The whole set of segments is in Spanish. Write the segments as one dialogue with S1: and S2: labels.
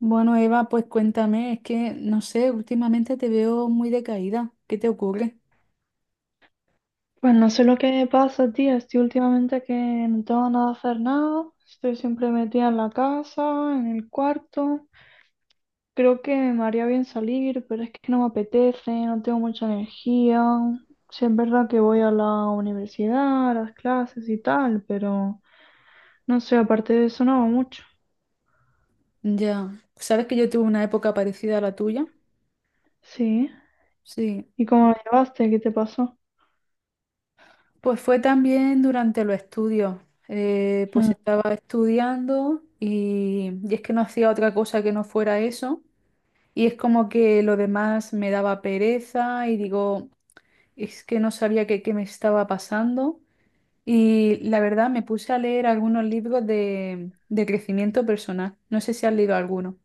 S1: Bueno, Eva, pues cuéntame, es que no sé, últimamente te veo muy decaída. ¿Qué te ocurre?
S2: Pues no sé lo que me pasa, tía. Estoy últimamente que no tengo nada que hacer nada. Estoy siempre metida en la casa, en el cuarto. Creo que me haría bien salir, pero es que no me apetece, no tengo mucha energía. Sí, es verdad que voy a la universidad, a las clases y tal, pero no sé, aparte de eso no hago mucho.
S1: Ya, sabes que yo tuve una época parecida a la tuya.
S2: Sí.
S1: Sí,
S2: ¿Y cómo me llevaste? ¿Qué te pasó?
S1: pues fue también durante los estudios. Pues
S2: Hmm.
S1: estaba estudiando y es que no hacía otra cosa que no fuera eso. Y es como que lo demás me daba pereza y digo, es que no sabía qué me estaba pasando. Y la verdad me puse a leer algunos libros de crecimiento personal. No sé si has leído alguno.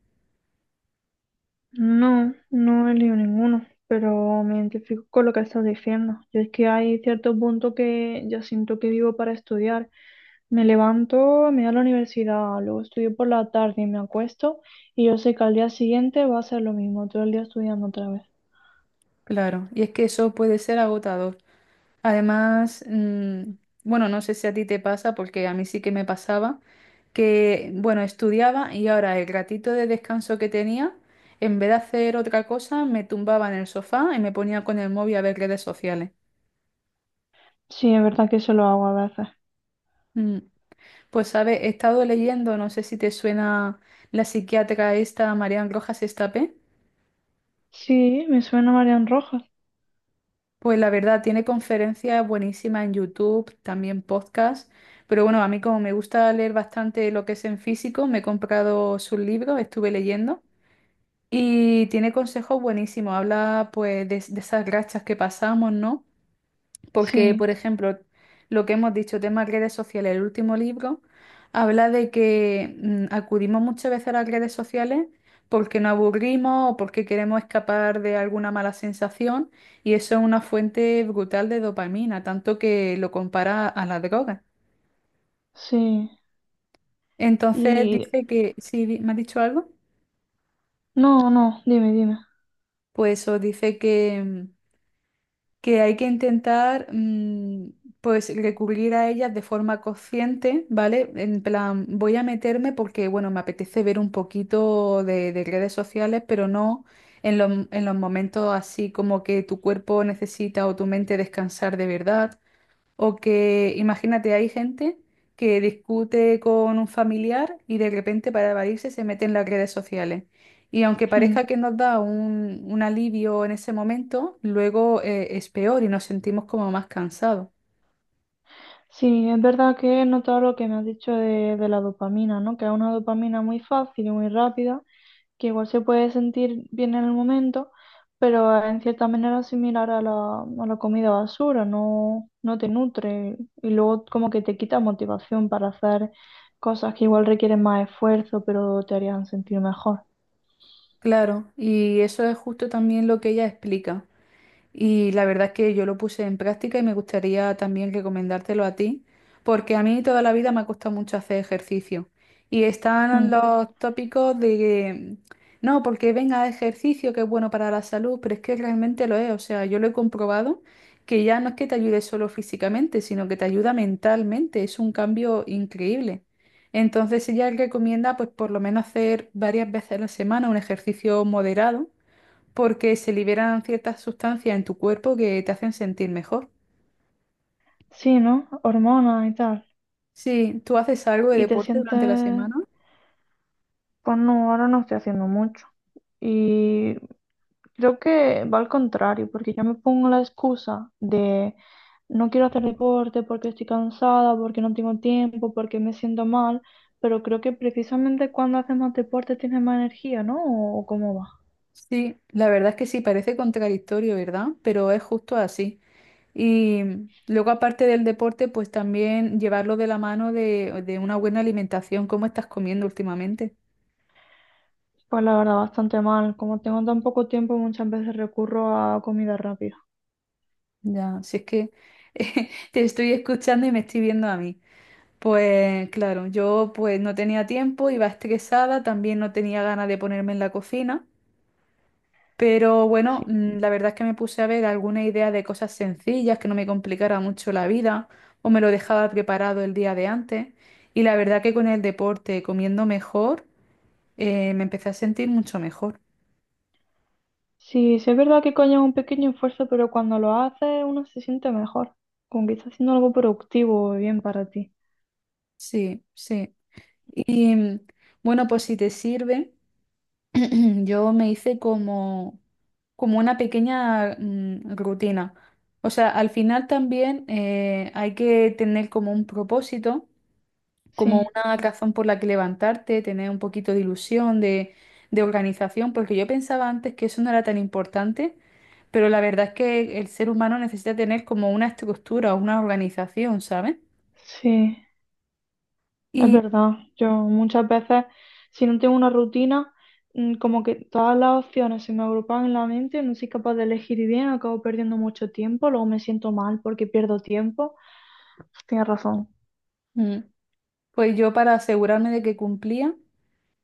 S2: No, no he leído ninguno, pero me identifico con lo que estás diciendo. Yo es que hay cierto punto que ya siento que vivo para estudiar. Me levanto, me voy a la universidad, luego estudio por la tarde y me acuesto y yo sé que al día siguiente va a ser lo mismo, todo el día estudiando otra vez.
S1: Claro, y es que eso puede ser agotador. Además, bueno, no sé si a ti te pasa, porque a mí sí que me pasaba, que, bueno, estudiaba y ahora el ratito de descanso que tenía, en vez de hacer otra cosa, me tumbaba en el sofá y me ponía con el móvil a ver redes sociales.
S2: Sí, es verdad que eso lo hago a veces.
S1: Mm, Pues, ¿sabes? He estado leyendo, no sé si te suena la psiquiatra esta, Marian Rojas Estapé.
S2: Sí, me suena Marian Rojas.
S1: Pues la verdad, tiene conferencias buenísimas en YouTube, también podcast, pero bueno, a mí como me gusta leer bastante lo que es en físico, me he comprado sus libros, estuve leyendo y tiene consejos buenísimos, habla pues de esas rachas que pasamos, ¿no? Porque, por
S2: Sí,
S1: ejemplo, lo que hemos dicho, tema redes sociales, el último libro habla de que acudimos muchas veces a las redes sociales porque nos aburrimos o porque queremos escapar de alguna mala sensación y eso es una fuente brutal de dopamina, tanto que lo compara a la droga.
S2: sí.
S1: Entonces
S2: Y...
S1: dice que, si me ha dicho algo,
S2: No, no, dime, dime.
S1: pues eso dice que hay que intentar pues recurrir a ellas de forma consciente, ¿vale? En plan, voy a meterme porque, bueno, me apetece ver un poquito de redes sociales, pero no en los momentos así como que tu cuerpo necesita o tu mente descansar de verdad. O que imagínate, hay gente que discute con un familiar y de repente para evadirse se mete en las redes sociales. Y aunque
S2: Hmm.
S1: parezca que nos da un alivio en ese momento, luego es peor y nos sentimos como más cansados.
S2: Sí, es verdad que he notado lo que me has dicho de la dopamina, ¿no? Que es una dopamina muy fácil y muy rápida, que igual se puede sentir bien en el momento, pero en cierta manera similar a la comida basura, no, no te nutre y luego como que te quita motivación para hacer cosas que igual requieren más esfuerzo, pero te harían sentir mejor.
S1: Claro, y eso es justo también lo que ella explica. Y la verdad es que yo lo puse en práctica y me gustaría también recomendártelo a ti, porque a mí toda la vida me ha costado mucho hacer ejercicio. Y están
S2: Mm.
S1: los tópicos de que, no, porque venga ejercicio que es bueno para la salud, pero es que realmente lo es. O sea, yo lo he comprobado que ya no es que te ayude solo físicamente, sino que te ayuda mentalmente. Es un cambio increíble. Entonces ella recomienda pues por lo menos hacer varias veces a la semana un ejercicio moderado porque se liberan ciertas sustancias en tu cuerpo que te hacen sentir mejor.
S2: Sí, ¿no? Hormonas y tal.
S1: Sí, ¿tú haces algo de
S2: Y te
S1: deporte durante la
S2: sientes
S1: semana?
S2: Pues no, ahora no estoy haciendo mucho. Y creo que va al contrario, porque yo me pongo la excusa de no quiero hacer deporte porque estoy cansada, porque no tengo tiempo, porque me siento mal, pero creo que precisamente cuando haces más deporte tienes más energía, ¿no? ¿O cómo va?
S1: Sí, la verdad es que sí, parece contradictorio, ¿verdad? Pero es justo así. Y luego, aparte del deporte, pues también llevarlo de la mano de una buena alimentación. ¿Cómo estás comiendo últimamente?
S2: Pues la verdad, bastante mal. Como tengo tan poco tiempo, muchas veces recurro a comida rápida.
S1: Ya, si es que te estoy escuchando y me estoy viendo a mí. Pues claro, yo pues no tenía tiempo, iba estresada, también no tenía ganas de ponerme en la cocina. Pero bueno,
S2: Sí.
S1: la verdad es que me puse a ver alguna idea de cosas sencillas que no me complicara mucho la vida o me lo dejaba preparado el día de antes. Y la verdad que con el deporte, comiendo mejor, me empecé a sentir mucho mejor.
S2: Sí, sí es verdad que coño es un pequeño esfuerzo, pero cuando lo haces uno se siente mejor, como que está haciendo algo productivo y bien para ti.
S1: Sí, sí. Y bueno, pues si te sirve, yo me hice como, como una pequeña rutina. O sea, al final también hay que tener como un propósito como
S2: Sí,
S1: una razón por la que levantarte, tener un poquito de ilusión, de, organización, porque yo pensaba antes que eso no era tan importante, pero la verdad es que el ser humano necesita tener como una estructura, una organización, ¿sabes?
S2: sí, es
S1: Y
S2: verdad. Yo muchas veces, si no tengo una rutina, como que todas las opciones se me agrupan en la mente, no soy capaz de elegir bien, acabo perdiendo mucho tiempo, luego me siento mal porque pierdo tiempo. Tienes razón.
S1: mm, pues yo para asegurarme de que cumplía,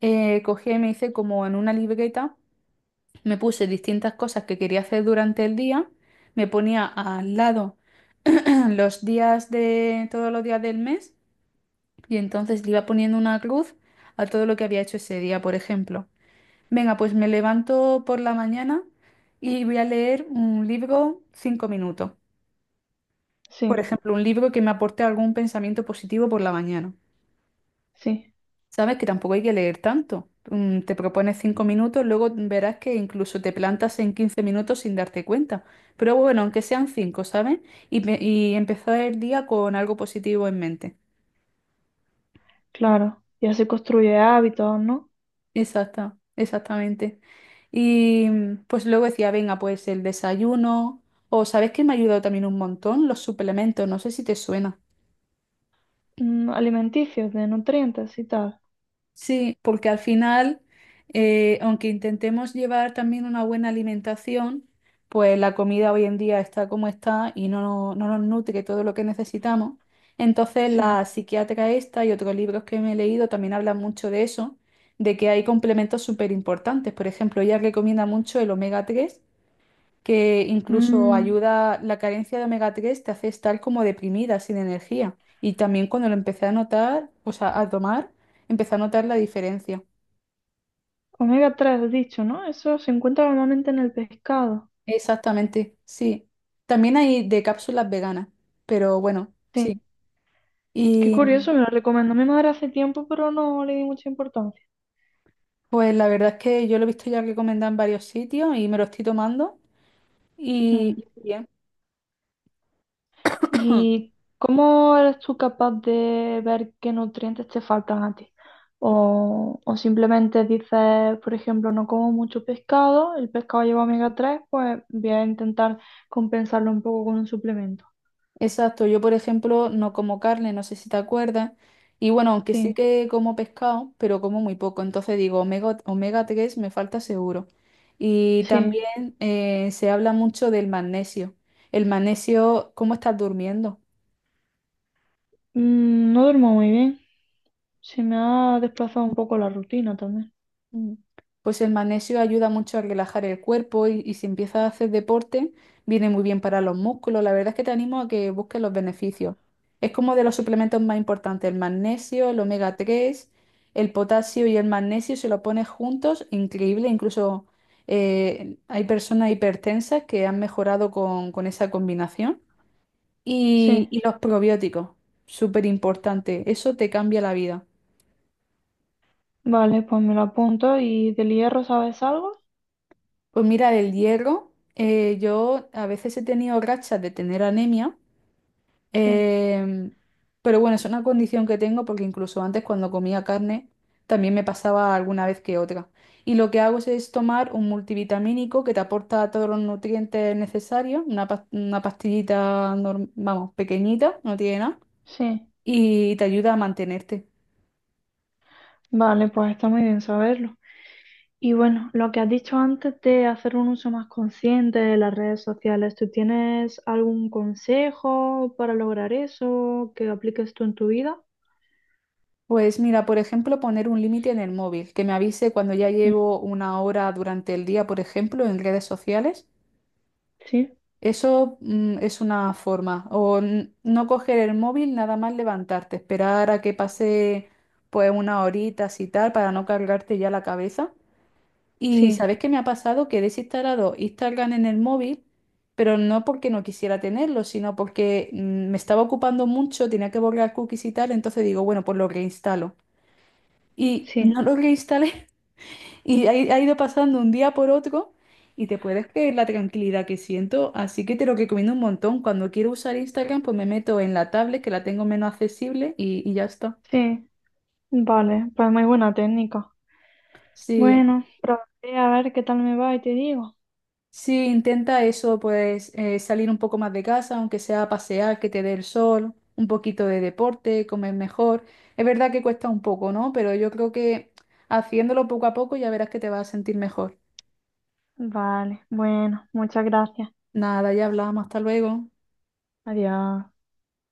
S1: cogí y me hice como en una libreta, me puse distintas cosas que quería hacer durante el día, me ponía al lado los días de todos los días del mes. Y entonces le iba poniendo una cruz a todo lo que había hecho ese día, por ejemplo. Venga, pues me levanto por la mañana y voy a leer un libro 5 minutos. Por
S2: Sí,
S1: ejemplo, un libro que me aporte algún pensamiento positivo por la mañana.
S2: sí,
S1: Sabes que tampoco hay que leer tanto. Te propones 5 minutos, luego verás que incluso te plantas en 15 minutos sin darte cuenta. Pero bueno, aunque sean cinco, ¿sabes? Y empezar el día con algo positivo en mente.
S2: claro. Y así construye hábitos, ¿no?
S1: Exactamente. Y pues luego decía, venga, pues el desayuno, o ¿sabes que me ha ayudado también un montón? Los suplementos, no sé si te suena.
S2: Mm, alimenticios, de nutrientes y tal.
S1: Sí, porque al final, aunque intentemos llevar también una buena alimentación, pues la comida hoy en día está como está y no, no nos nutre todo lo que necesitamos. Entonces,
S2: Sí.
S1: la psiquiatra esta y otros libros que me he leído también hablan mucho de eso, de que hay complementos súper importantes. Por ejemplo, ella recomienda mucho el omega 3 que incluso
S2: Mm,
S1: ayuda, la carencia de omega 3 te hace estar como deprimida, sin energía. Y también cuando lo empecé a notar, o sea, a tomar, empecé a notar la diferencia.
S2: omega tres, has dicho, ¿no? Eso se encuentra normalmente en el pescado.
S1: Exactamente, sí. También hay de cápsulas veganas, pero bueno,
S2: Sí.
S1: sí.
S2: Qué
S1: Y
S2: curioso, me lo recomendó mi madre hace tiempo, pero no le di mucha importancia.
S1: pues la verdad es que yo lo he visto ya recomendado en varios sitios y me lo estoy tomando
S2: Mm.
S1: y bien.
S2: ¿Y cómo eres tú capaz de ver qué nutrientes te faltan a ti? O simplemente dices, por ejemplo, no como mucho pescado, el pescado lleva omega 3, pues voy a intentar compensarlo un poco con un suplemento.
S1: Exacto, yo por ejemplo no como carne, no sé si te acuerdas, y bueno, aunque sí
S2: Sí,
S1: que como pescado, pero como muy poco, entonces digo omega 3 me falta seguro. Y
S2: sí.
S1: también se habla mucho del magnesio. El magnesio, ¿cómo estás durmiendo?
S2: No duermo muy bien. Se me ha desplazado un poco la rutina también.
S1: Mm. Pues el magnesio ayuda mucho a relajar el cuerpo y si empiezas a hacer deporte, viene muy bien para los músculos. La verdad es que te animo a que busques los beneficios. Es como de los suplementos más importantes, el magnesio, el omega 3, el potasio y el magnesio, si lo pones juntos, increíble. Incluso hay personas hipertensas que han mejorado con, esa combinación. Y,
S2: Sí,
S1: y los probióticos, súper importante. Eso te cambia la vida.
S2: vale, pues me lo apunto. ¿Y del hierro sabes algo?
S1: Pues mira, del hierro, yo a veces he tenido rachas de tener anemia,
S2: Sí,
S1: em, pero bueno, es una condición que tengo porque incluso antes cuando comía carne también me pasaba alguna vez que otra. Y lo que hago es tomar un multivitamínico que te aporta todos los nutrientes necesarios, una pastillita, vamos, pequeñita, no tiene nada,
S2: sí.
S1: y te ayuda a mantenerte.
S2: Vale, pues está muy bien saberlo. Y bueno, lo que has dicho antes de hacer un uso más consciente de las redes sociales, ¿tú tienes algún consejo para lograr eso que apliques tú en tu vida?
S1: Pues mira, por ejemplo, poner un límite en el móvil, que me avise cuando ya
S2: Mm,
S1: llevo una hora durante el día, por ejemplo, en redes sociales.
S2: sí,
S1: Eso, es una forma. O no coger el móvil, nada más levantarte, esperar a que pase pues una horita y tal para no cargarte ya la cabeza. Y
S2: sí,
S1: ¿sabes qué me ha pasado? Que he desinstalado Instagram en el móvil, pero no porque no quisiera tenerlo, sino porque me estaba ocupando mucho, tenía que borrar cookies y tal, entonces digo, bueno, pues lo reinstalo y
S2: sí.
S1: no lo reinstalé y ha ido pasando un día por otro y te puedes creer la tranquilidad que siento, así que te lo recomiendo un montón. Cuando quiero usar Instagram, pues me meto en la tablet que la tengo menos accesible y ya está.
S2: Sí, vale, pues muy buena técnica.
S1: Sí,
S2: Bueno, probaré a ver qué tal me va y te digo.
S1: sí, intenta eso, pues salir un poco más de casa, aunque sea a pasear, que te dé el sol, un poquito de deporte, comer mejor. Es verdad que cuesta un poco, ¿no? Pero yo creo que haciéndolo poco a poco ya verás que te vas a sentir mejor.
S2: Vale, bueno, muchas gracias.
S1: Nada, ya hablamos, hasta luego.
S2: Adiós.